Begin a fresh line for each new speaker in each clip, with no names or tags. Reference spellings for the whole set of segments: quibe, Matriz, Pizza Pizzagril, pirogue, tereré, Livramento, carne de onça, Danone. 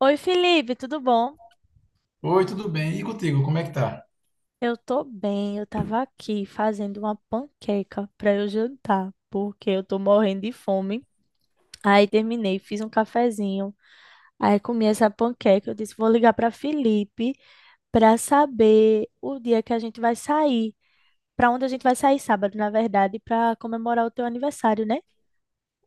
Oi, Felipe, tudo bom?
Oi, tudo bem? E contigo, como é que tá?
Eu tô bem, eu tava aqui fazendo uma panqueca pra eu jantar, porque eu tô morrendo de fome. Aí terminei, fiz um cafezinho, aí comi essa panqueca. Eu disse, vou ligar pra Felipe pra saber o dia que a gente vai sair, pra onde a gente vai sair sábado, na verdade, pra comemorar o teu aniversário, né?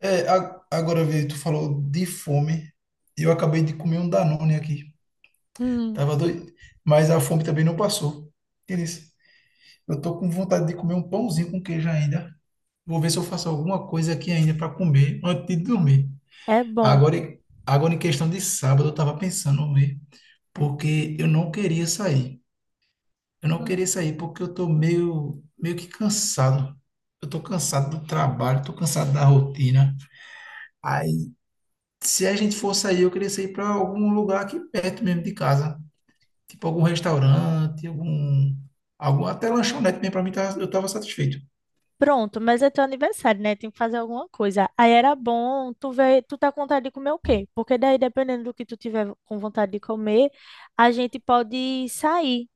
É, agora, Vitor, tu falou de fome. Eu acabei de comer um Danone aqui.
Hum,
Tava doido. Mas a fome também não passou. Entendeu? Eu tô com vontade de comer um pãozinho com queijo ainda. Vou ver se eu faço alguma coisa aqui ainda para comer antes de dormir.
é bom.
Agora, em- Agora, em questão de sábado, eu tava pensando, ver, porque eu não queria sair. Eu não queria sair porque eu tô meio que cansado. Eu tô cansado do trabalho, tô cansado da rotina. Se a gente for sair, eu queria sair para algum lugar aqui perto mesmo de casa. Tipo algum restaurante, algum, algum até lanchonete mesmo eu tava satisfeito.
Pronto, mas é teu aniversário, né? Tem que fazer alguma coisa. Aí era bom tu ver, tu tá com vontade de comer o quê? Porque daí, dependendo do que tu tiver com vontade de comer, a gente pode sair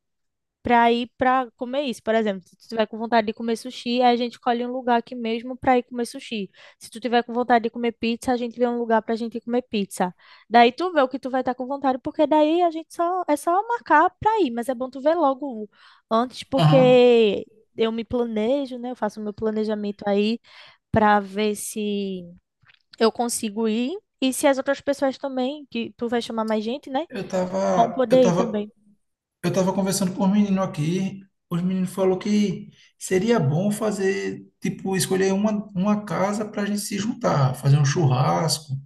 pra ir pra comer isso. Por exemplo, se tu tiver com vontade de comer sushi, aí a gente escolhe um lugar aqui mesmo pra ir comer sushi. Se tu tiver com vontade de comer pizza, a gente vê um lugar pra gente ir comer pizza. Daí tu vê o que tu vai estar com vontade, porque daí a gente só é só marcar pra ir, mas é bom tu ver logo antes,
Aham.
porque eu me planejo, né? Eu faço o meu planejamento aí pra ver se eu consigo ir. E se as outras pessoas também, que tu vai chamar mais gente, né?
Eu
Vão
tava, eu
poder ir
tava,
também.
eu tava conversando com os meninos aqui. Os meninos falou que seria bom fazer, tipo, escolher uma casa para a gente se juntar, fazer um churrasco.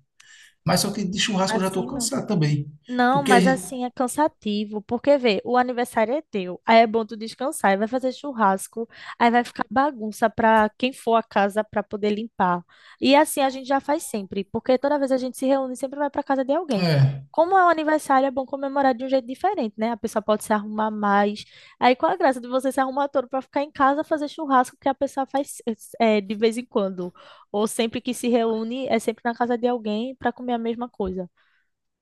Mas só que de churrasco eu já tô
Assim não.
cansado também.
Não,
Porque a
mas
gente,
assim é cansativo, porque vê, o aniversário é teu, aí é bom tu descansar, aí vai fazer churrasco, aí vai ficar bagunça para quem for a casa para poder limpar. E assim a gente já faz sempre, porque toda vez a gente se reúne, sempre vai para casa de alguém.
é.
Como é um aniversário, é bom comemorar de um jeito diferente, né? A pessoa pode se arrumar mais. Aí qual a graça de você se arrumar todo para ficar em casa fazer churrasco que a pessoa faz de vez em quando, ou sempre que se reúne é sempre na casa de alguém para comer a mesma coisa.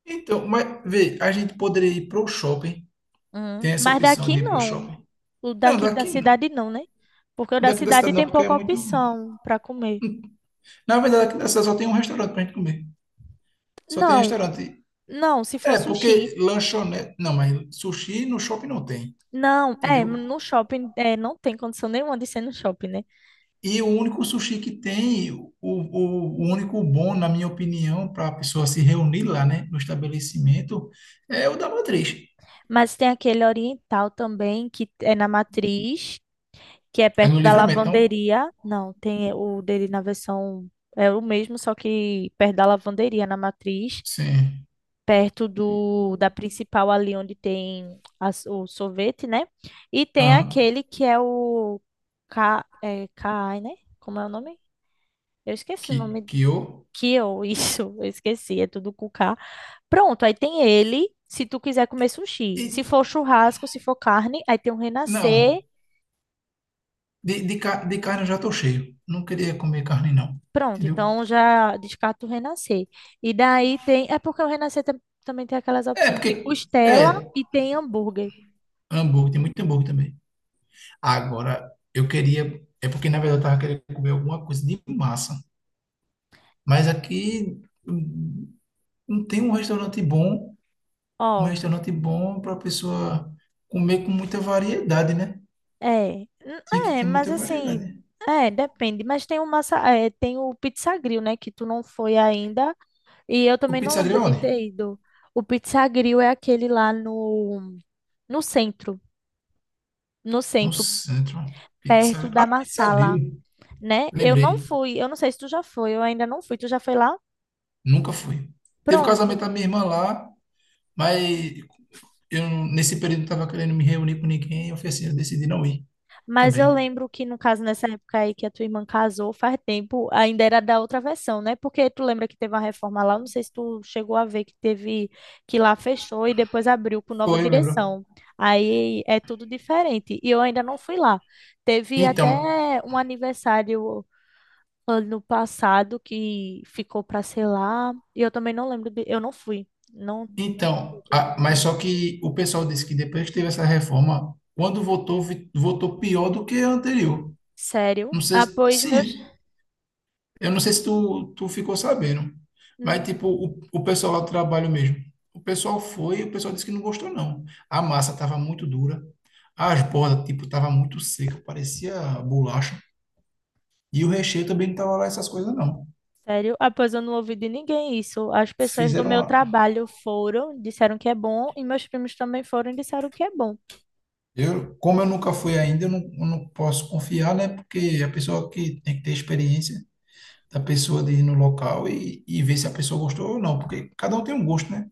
Então, mas vê, a gente poderia ir pro shopping. Tem essa
Mas
opção
daqui
de ir pro
não.
shopping.
O
Não,
daqui da
daqui não.
cidade não, né? Porque o
O
da
daqui da
cidade
cidade não,
tem
porque é
pouca
muito.
opção para comer.
Na verdade, aqui da cidade só tem um restaurante pra gente comer. Só tem
Não,
restaurante.
não, se for
É,
sushi.
porque lanchonete. Não, mas sushi no shopping não tem,
Não, é,
entendeu?
no shopping é, não tem condição nenhuma de ser no shopping, né?
E o único sushi que tem, o único bom, na minha opinião, para a pessoa se reunir lá, né, no estabelecimento, é o da Matriz.
Mas tem aquele oriental também, que é na Matriz, que é
É
perto
no
da
Livramento, então.
lavanderia. Não, tem o dele na versão. É o mesmo, só que perto da lavanderia, na Matriz.
Sim.
Perto do da principal ali onde tem o sorvete, né? E tem
Aham.
aquele que é o Ca, é, Kai, né? Como é o nome? Eu esqueci o nome.
Que eu.
Kio, isso, eu esqueci, é tudo com K. Pronto, aí tem ele, se tu quiser comer
E,
sushi. Se for churrasco, se for carne, aí tem o
não.
Renascer.
De carne eu já tô cheio. Não queria comer carne, não.
Pronto,
Entendeu?
então já descarta o Renascer. E daí tem, é porque o Renascer também tem aquelas
É,
opções
porque
de costela
é
e tem hambúrguer.
hambúrguer, tem muito hambúrguer também. Agora, eu queria. É porque, na verdade, eu tava querendo comer alguma coisa de massa. Mas aqui hum, não tem um
Ó,
restaurante bom para pessoa comer com muita variedade, né?
é, n-
Tem que
é,
ter
mas
muita
assim,
variedade.
é, depende. Mas tem o massa, é, tem o Pizza Grill, né, que tu não foi ainda. E eu
O
também não
Pizza Pizzagril
lembro de
onde?
ter ido. O Pizza Grill é aquele lá no, no centro, no
No
centro,
centro.
perto
Pizza...
da
Ah, Pizza
Marsala,
Pizzagril.
né? Eu não
Lembrei.
fui, eu não sei se tu já foi, eu ainda não fui. Tu já foi lá?
Nunca fui. Teve o
Pronto.
casamento da minha irmã lá, mas eu nesse período não tava querendo me reunir com ninguém. Eu falei assim, eu decidi não ir.
Mas
Também.
eu lembro que, no caso, nessa época aí que a tua irmã casou, faz tempo, ainda era da outra versão, né? Porque tu lembra que teve uma reforma lá, eu não sei se tu chegou a ver que teve, que lá fechou e depois abriu com nova
Foi, eu lembro.
direção. Aí é tudo diferente. E eu ainda não fui lá. Teve até
Então,
um aniversário ano passado que ficou pra ser lá, e eu também não lembro de, eu não fui. Não tive
então,
oportunidade de
mas
ir.
só que o pessoal disse que depois que teve essa reforma, quando votou, votou pior do que a anterior.
Sério?
Não sei,
Ah, pois meus.
sim, eu não sei se tu ficou sabendo, mas tipo, o pessoal lá do trabalho mesmo. O pessoal foi e o pessoal disse que não gostou, não. A massa tava muito dura, as bordas, tipo, tava muito seca, parecia bolacha, e o recheio também não tava lá essas coisas, não.
Sério? Ah, pois eu não ouvi de ninguém isso. As pessoas do meu
Fizeram
trabalho foram, disseram que é bom, e meus primos também foram e disseram que é bom.
eu, como eu nunca fui ainda, eu não posso confiar, né? Porque a pessoa que tem que ter experiência da pessoa de ir no local e ver se a pessoa gostou ou não, porque cada um tem um gosto, né?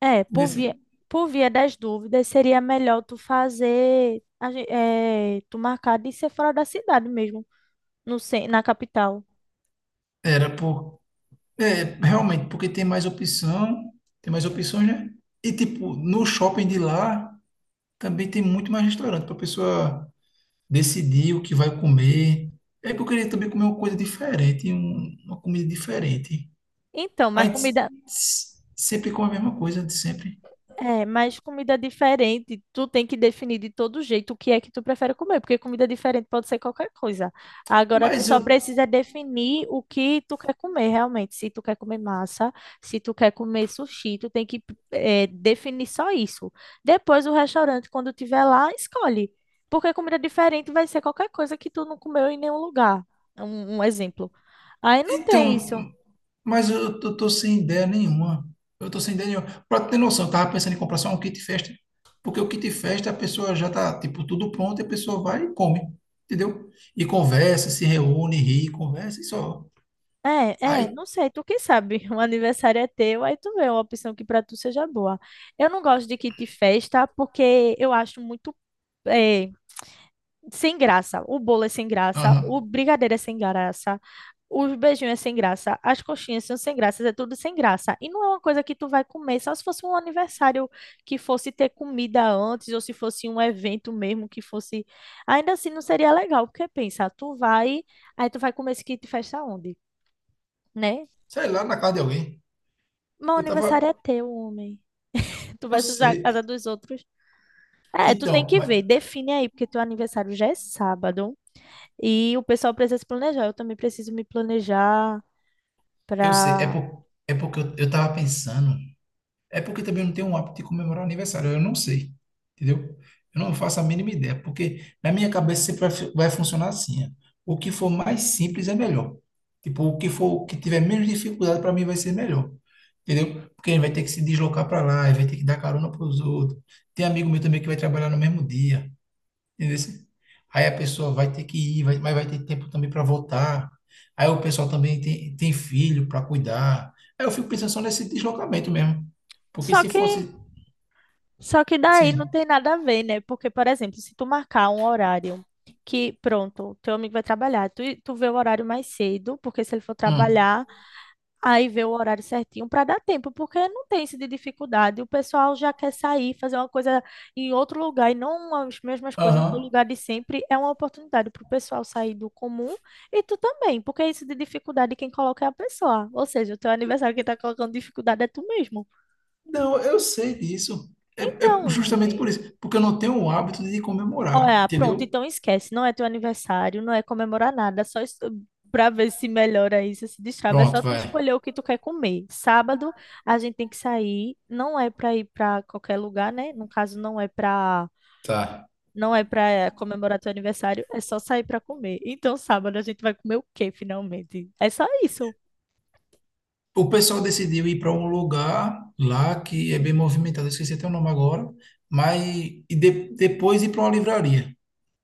É,
Nesse,
por via das dúvidas, seria melhor tu fazer, a é, tu marcar de ser fora da cidade mesmo, no, na capital.
era por, é, realmente, porque tem mais opção, tem mais opções, né? E tipo, no shopping de lá também tem muito mais restaurante para a pessoa decidir o que vai comer. É que eu queria também comer uma coisa diferente, uma comida diferente.
Então,
Aí
mas
s-
comida,
sempre com a mesma coisa de sempre.
é, mas comida diferente, tu tem que definir de todo jeito o que é que tu prefere comer, porque comida diferente pode ser qualquer coisa. Agora, tu
Mas
só
eu,
precisa definir o que tu quer comer realmente. Se tu quer comer massa, se tu quer comer sushi, tu tem que definir só isso. Depois, o restaurante, quando tiver lá, escolhe. Porque comida diferente vai ser qualquer coisa que tu não comeu em nenhum lugar. Um exemplo. Aí não tem isso.
então, mas eu tô sem ideia nenhuma. Eu tô sem ideia nenhuma. Pra ter noção, eu tava pensando em comprar só um kit festa, porque o kit festa a pessoa já tá, tipo, tudo pronto e a pessoa vai e come, entendeu? E conversa, se reúne, ri, conversa e só.
É, é,
Aí,
não sei, tu que sabe, o aniversário é teu, aí tu vê uma opção que pra tu seja boa. Eu não gosto de kit festa porque eu acho muito eh, sem graça. O bolo é sem graça, o
aham,
brigadeiro é sem graça, os beijinhos é sem graça, as coxinhas são sem graça, é tudo sem graça. E não é uma coisa que tu vai comer, só se fosse um aniversário que fosse ter comida antes, ou se fosse um evento mesmo que fosse. Ainda assim não seria legal, porque pensa, tu vai, aí tu vai comer esse kit festa onde? Né?
sei lá, na casa de alguém.
Meu
Eu
aniversário é
tava,
teu, homem. Tu
eu
vai sujar a
sei.
casa dos outros. É, tu tem
Então,
que
mas
ver, define aí, porque teu aniversário já é sábado e o pessoal precisa se planejar. Eu também preciso me planejar
eu sei, é,
pra.
por, é porque eu tava pensando. É porque também eu não tenho um hábito de comemorar aniversário, eu não sei, entendeu? Eu não faço a mínima ideia, porque na minha cabeça sempre vai, vai funcionar assim, ó. O que for mais simples é melhor. Tipo, o que for, o que tiver menos dificuldade para mim vai ser melhor, entendeu? Porque ele vai ter que se deslocar para lá, ele vai ter que dar carona para os outros. Tem amigo meu também que vai trabalhar no mesmo dia. Entendesse? Aí a pessoa vai ter que ir, mas vai ter tempo também para voltar. Aí o pessoal também tem filho para cuidar. Aí eu fico pensando só nesse deslocamento mesmo. Porque
Só
se
que,
fosse.
só que daí
Sim.
não tem nada a ver, né? Porque, por exemplo, se tu marcar um horário que, pronto, teu amigo vai trabalhar, tu, tu vê o horário mais cedo, porque se ele for
Hum.
trabalhar, aí vê o horário certinho para dar tempo, porque não tem esse de dificuldade. O pessoal já quer sair, fazer uma coisa em outro lugar e não as mesmas coisas no
Aham.
lugar de sempre. É uma oportunidade para o pessoal sair do comum e tu também, porque isso de dificuldade quem coloca é a pessoa. Ou seja, o teu aniversário que está colocando dificuldade é tu mesmo.
Não, eu sei disso. É, é
Então,
justamente por isso. Porque eu não tenho o hábito de comemorar,
olha, pronto,
entendeu?
então esquece. Não é teu aniversário, não é comemorar nada, é só pra ver se melhora isso, se destrava. É
Pronto,
só tu
vai.
escolher o que tu quer comer. Sábado a gente tem que sair, não é pra ir pra qualquer lugar, né? No caso, não é pra,
Tá.
não é pra comemorar teu aniversário, é só sair pra comer. Então, sábado a gente vai comer o quê, finalmente? É só isso.
O pessoal decidiu ir para um lugar lá que é bem movimentado, eu esqueci até o nome agora, depois ir para uma livraria.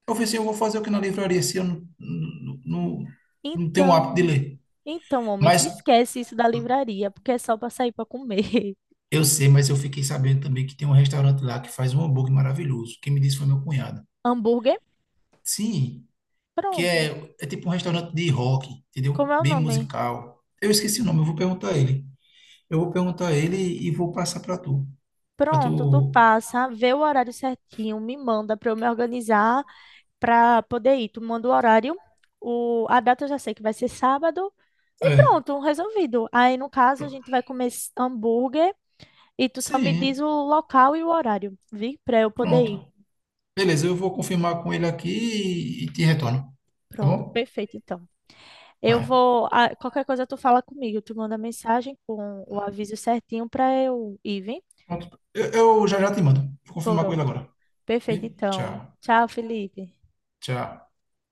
Eu falei assim, eu vou fazer o que na livraria, se eu não, não tenho o hábito de
Então,
ler.
então, homem, tu
Mas
esquece isso da livraria, porque é só pra sair pra comer.
eu sei, mas eu fiquei sabendo também que tem um restaurante lá que faz um hambúrguer maravilhoso. Quem me disse foi meu cunhado.
Hambúrguer?
Sim,
Pronto.
é tipo um restaurante de rock, entendeu?
Como é o
Bem
nome?
musical. Eu esqueci o nome, eu vou perguntar a ele. Eu vou perguntar a ele e vou passar para tu. Para
Pronto, tu
tu.
passa, vê o horário certinho, me manda para eu me organizar para poder ir. Tu manda o horário, o, a data eu já sei que vai ser sábado e
É.
pronto, resolvido. Aí no caso a
pro-
gente vai comer hambúrguer e tu só me diz
Sim,
o local e o horário, vi? Para eu poder
pronto.
ir.
Beleza, eu vou confirmar com ele aqui e te retorno. Tá
Pronto,
bom?
perfeito então. Eu
Vai.
vou, ah, qualquer coisa tu fala comigo, tu manda mensagem com o aviso certinho para eu ir, vi?
Pronto. Eu já já te mando. Vou confirmar com ele
Pronto.
agora. E
Perfeito então.
tchau.
Tchau, Felipe.
Tchau.